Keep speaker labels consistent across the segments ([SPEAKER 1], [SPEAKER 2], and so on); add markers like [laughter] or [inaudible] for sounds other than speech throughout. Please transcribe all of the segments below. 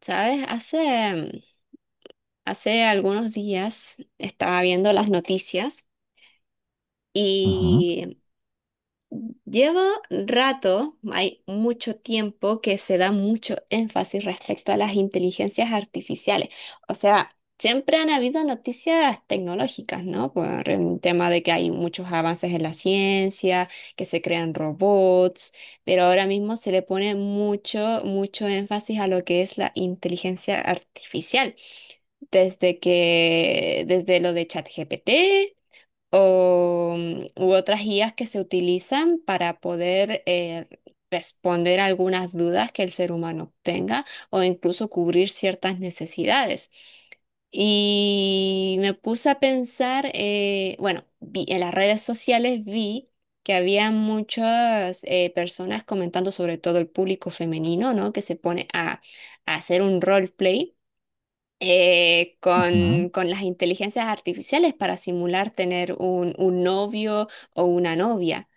[SPEAKER 1] Sabes, hace algunos días estaba viendo las noticias
[SPEAKER 2] Ujú,
[SPEAKER 1] y llevo rato, hay mucho tiempo que se da mucho énfasis respecto a las inteligencias artificiales. O sea, siempre han habido noticias tecnológicas, ¿no? Por el tema de que hay muchos avances en la ciencia, que se crean robots, pero ahora mismo se le pone mucho, mucho énfasis a lo que es la inteligencia artificial. Desde lo de ChatGPT u otras guías que se utilizan para poder responder algunas dudas que el ser humano tenga o incluso cubrir ciertas necesidades. Y me puse a pensar, bueno, en las redes sociales vi que había muchas personas comentando sobre todo el público femenino, ¿no? Que se pone a hacer un roleplay eh,
[SPEAKER 2] ujú.
[SPEAKER 1] con, con las inteligencias artificiales para simular tener un novio o una novia.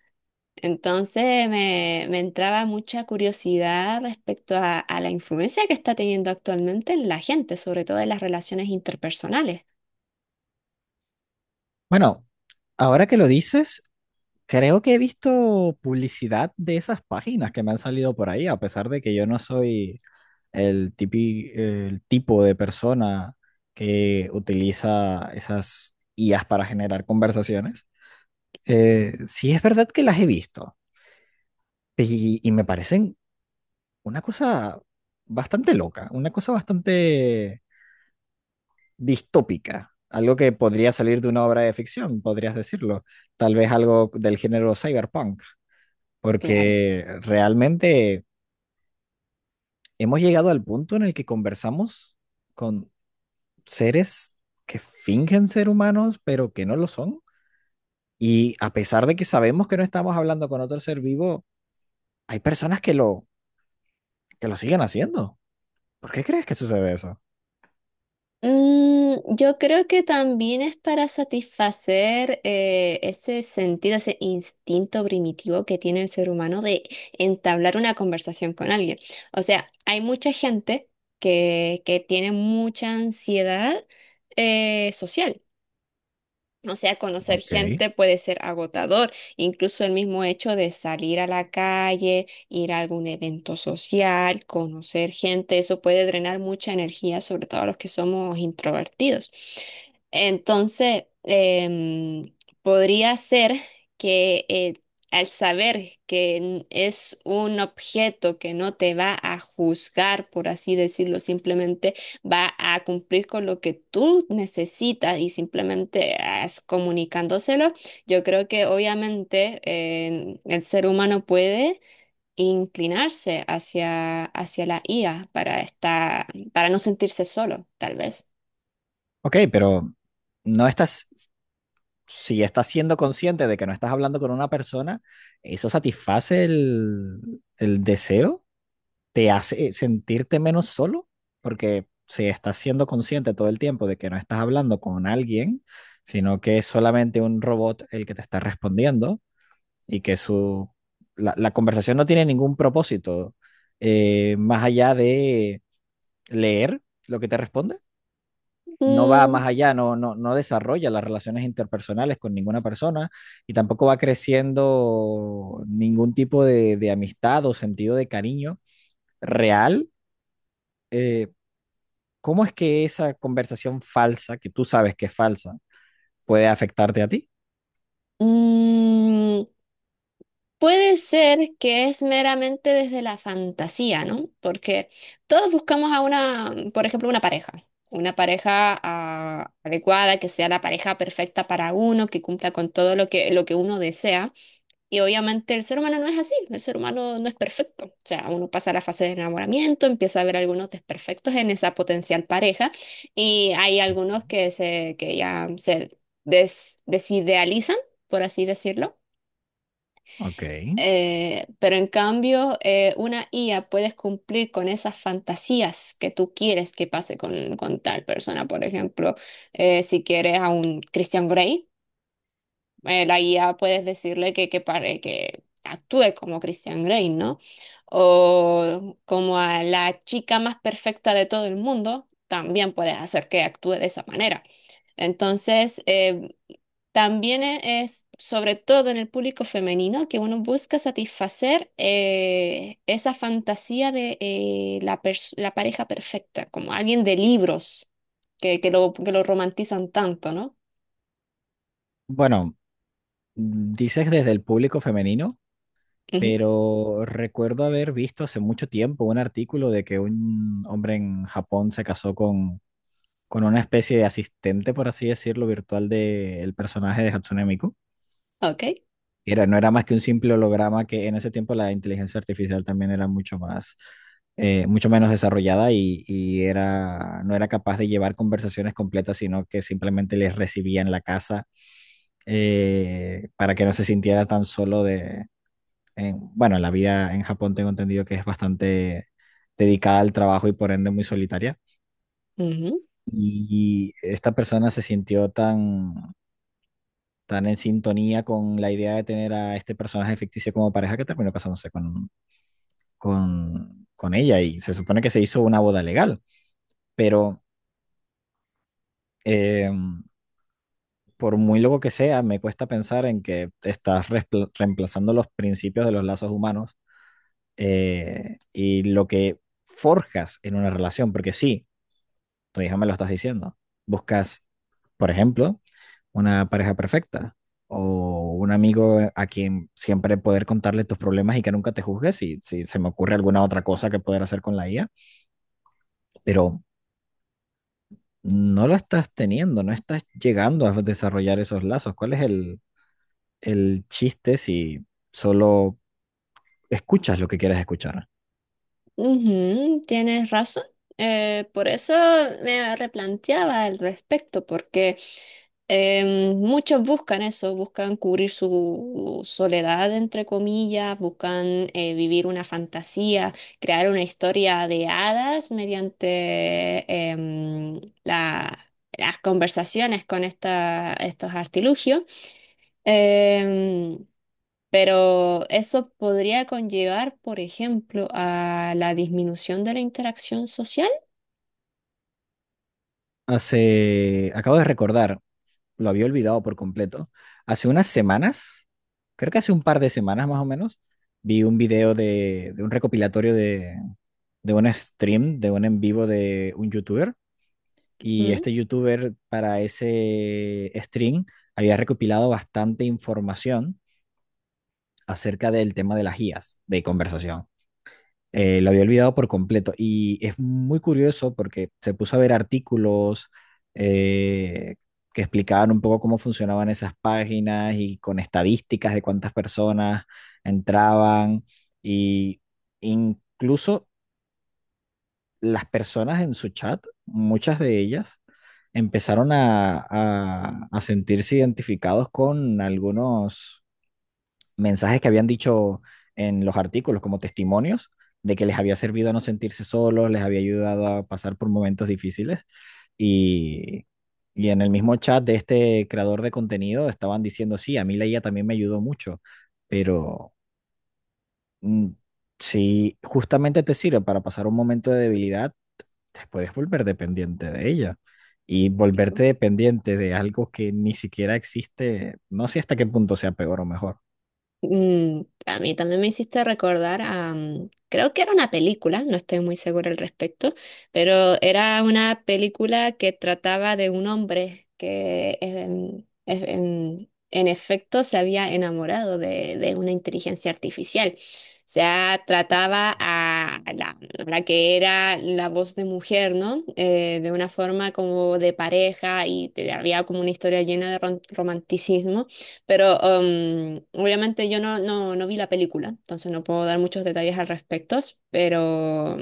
[SPEAKER 1] Entonces me entraba mucha curiosidad respecto a la influencia que está teniendo actualmente en la gente, sobre todo en las relaciones interpersonales.
[SPEAKER 2] Bueno, ahora que lo dices, creo que he visto publicidad de esas páginas que me han salido por ahí, a pesar de que yo no soy el tipo de persona que utiliza esas IAs para generar conversaciones. Sí es verdad que las he visto y me parecen una cosa bastante loca, una cosa bastante distópica, algo que podría salir de una obra de ficción, podrías decirlo, tal vez algo del género cyberpunk,
[SPEAKER 1] Claro.
[SPEAKER 2] porque realmente hemos llegado al punto en el que conversamos con seres que fingen ser humanos, pero que no lo son, y a pesar de que sabemos que no estamos hablando con otro ser vivo, hay personas que lo siguen haciendo. ¿Por qué crees que sucede eso?
[SPEAKER 1] Yo creo que también es para satisfacer ese sentido, ese instinto primitivo que tiene el ser humano de entablar una conversación con alguien. O sea, hay mucha gente que tiene mucha ansiedad social. O sea, conocer
[SPEAKER 2] Ok.
[SPEAKER 1] gente puede ser agotador, incluso el mismo hecho de salir a la calle, ir a algún evento social, conocer gente, eso puede drenar mucha energía, sobre todo a los que somos introvertidos. Entonces, podría ser que al saber que es un objeto que no te va a juzgar, por así decirlo, simplemente va a cumplir con lo que tú necesitas y simplemente es comunicándoselo. Yo creo que obviamente el ser humano puede inclinarse hacia la IA para estar, para no sentirse solo, tal vez.
[SPEAKER 2] Ok, pero no estás si estás siendo consciente de que no estás hablando con una persona, eso satisface el deseo, te hace sentirte menos solo, porque si estás siendo consciente todo el tiempo de que no estás hablando con alguien, sino que es solamente un robot el que te está respondiendo y que la conversación no tiene ningún propósito más allá de leer lo que te responde. No va más
[SPEAKER 1] Mm,
[SPEAKER 2] allá, no, no, no desarrolla las relaciones interpersonales con ninguna persona y tampoco va creciendo ningún tipo de amistad o sentido de cariño real. eh, ¿Cómo es que esa conversación falsa, que tú sabes que es falsa, puede afectarte a ti?
[SPEAKER 1] mm, Puede ser que es meramente desde la fantasía, ¿no? Porque todos buscamos a una, por ejemplo, una pareja adecuada, que sea la pareja perfecta para uno, que cumpla con todo lo que uno desea. Y obviamente el ser humano no es así, el ser humano no es perfecto. O sea, uno pasa la fase de enamoramiento, empieza a ver algunos desperfectos en esa potencial pareja y hay algunos que, se, que ya se desidealizan, por así decirlo.
[SPEAKER 2] Ok.
[SPEAKER 1] Pero en cambio, una IA puedes cumplir con esas fantasías que tú quieres que pase con tal persona. Por ejemplo, si quieres a un Christian Grey, la IA puedes decirle que actúe como Christian Grey, ¿no? O como a la chica más perfecta de todo el mundo, también puedes hacer que actúe de esa manera. Entonces, también es, sobre todo en el público femenino, que uno busca satisfacer esa fantasía de la pareja perfecta, como alguien de libros que, que lo romantizan tanto, ¿no?
[SPEAKER 2] Bueno, dices desde el público femenino,
[SPEAKER 1] Ujú.
[SPEAKER 2] pero recuerdo haber visto hace mucho tiempo un artículo de que un hombre en Japón se casó con una especie de asistente, por así decirlo, virtual del personaje de Hatsune Miku.
[SPEAKER 1] Ok.
[SPEAKER 2] Era, no era más que un simple holograma que en ese tiempo la inteligencia artificial también era mucho más, mucho menos desarrollada y era, no era capaz de llevar conversaciones completas, sino que simplemente les recibía en la casa para que no se sintiera tan solo de, en- bueno, la vida en Japón tengo entendido que es bastante dedicada al trabajo y por ende muy solitaria. Y esta persona se sintió tan, tan en sintonía con la idea de tener a este personaje ficticio como pareja que terminó casándose con, con ella, y se supone que se hizo una boda legal, pero eh, por muy loco que sea, me cuesta pensar en que estás respl- reemplazando los principios de los lazos humanos y lo que forjas en una relación, porque sí, tu hija me lo estás diciendo, buscas, por ejemplo, una pareja perfecta o un amigo a quien siempre poder contarle tus problemas y que nunca te juzgue si, si se me ocurre alguna otra cosa que poder hacer con la IA, pero no lo estás teniendo, no estás llegando a desarrollar esos lazos. ¿Cuál es el chiste si solo escuchas lo que quieres escuchar?
[SPEAKER 1] Ujú, tienes razón. Por eso me replanteaba al respecto, porque muchos buscan eso, buscan cubrir su soledad, entre comillas, buscan vivir una fantasía, crear una historia de hadas mediante em, la- las conversaciones con estos artilugios. Em, pero eso podría conllevar, por ejemplo, a la disminución de la interacción social.
[SPEAKER 2] Hace, acabo de recordar, lo había olvidado por completo. Hace unas semanas, creo que hace un par de semanas más o menos, vi un video de un recopilatorio de un stream, de un en vivo de un youtuber. Y
[SPEAKER 1] Ujú.
[SPEAKER 2] este youtuber para ese stream había recopilado bastante información acerca del tema de las guías de conversación. Lo había olvidado por completo. Y es muy curioso porque se puso a ver artículos eh, que explicaban un poco cómo funcionaban esas páginas y con estadísticas de cuántas personas entraban. Y incluso las personas en su chat, muchas de ellas, empezaron a sentirse identificados con algunos mensajes que habían dicho en los artículos como testimonios de que les había servido a no sentirse solos, les había ayudado a pasar por momentos difíciles y, y en el mismo chat de este creador de contenido estaban diciendo, sí, a mí la IA también me ayudó mucho, pero mm, si justamente te sirve para pasar un momento de debilidad, te puedes volver dependiente de ella. Y volverte dependiente de algo que ni siquiera existe, no sé hasta qué punto sea peor o mejor.
[SPEAKER 1] A mí también me hiciste recordar a, creo que era una película, no estoy muy segura al respecto, pero era una película que trataba de un hombre que efecto se había enamorado de una inteligencia artificial. O sea, trataba a la que era la voz de mujer, ¿no? De una forma como de pareja y había como una historia llena de romanticismo. Pero obviamente yo no vi la película, entonces no puedo dar muchos detalles al respecto, pero,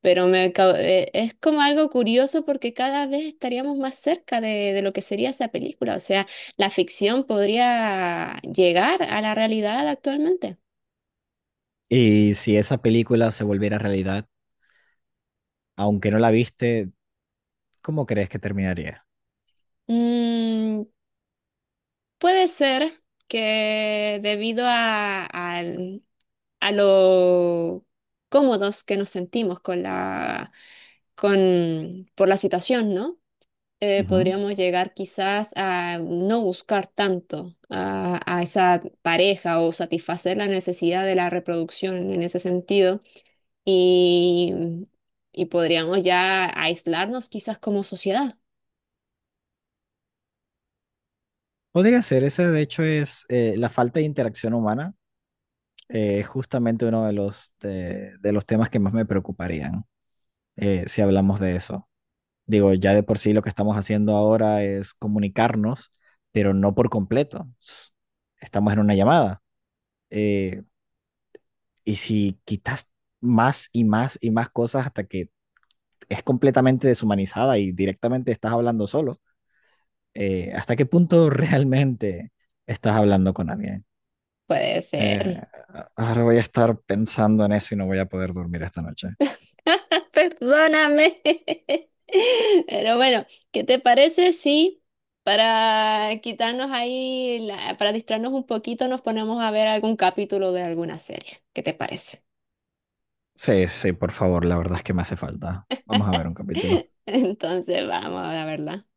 [SPEAKER 1] pero es como algo curioso porque cada vez estaríamos más cerca de lo que sería esa película. O sea, la ficción podría llegar a la realidad actualmente.
[SPEAKER 2] Y si esa película se volviera realidad, aunque no la viste, ¿cómo crees que terminaría?
[SPEAKER 1] Mm, puede ser que debido a lo cómodos que nos sentimos con por la situación, ¿no?
[SPEAKER 2] Ujú.
[SPEAKER 1] Podríamos llegar quizás a no buscar tanto a esa pareja o satisfacer la necesidad de la reproducción en ese sentido y, y podríamos ya aislarnos quizás como sociedad.
[SPEAKER 2] Podría ser, ese de hecho es la falta de interacción humana, es justamente uno de los, de los temas que más me preocuparían si hablamos de eso. Digo, ya de por sí lo que estamos haciendo ahora es comunicarnos, pero no por completo. S- estamos en una llamada. Eh, y si quitas más y más y más cosas hasta que es completamente deshumanizada y directamente estás hablando solo. ¿Hasta qué punto [laughs] realmente estás hablando con alguien?
[SPEAKER 1] Puede
[SPEAKER 2] Eh,
[SPEAKER 1] ser.
[SPEAKER 2] Ahora voy a estar pensando en eso y no voy a poder dormir esta noche.
[SPEAKER 1] [laughs] Perdóname. Pero bueno, ¿qué te parece si para quitarnos para distraernos un poquito, nos ponemos a ver algún capítulo de alguna serie? ¿Qué te parece?
[SPEAKER 2] Sí, sí, por favor, la verdad es que me hace falta. Vamos a ver un capítulo.
[SPEAKER 1] [laughs] Entonces, vamos a verla.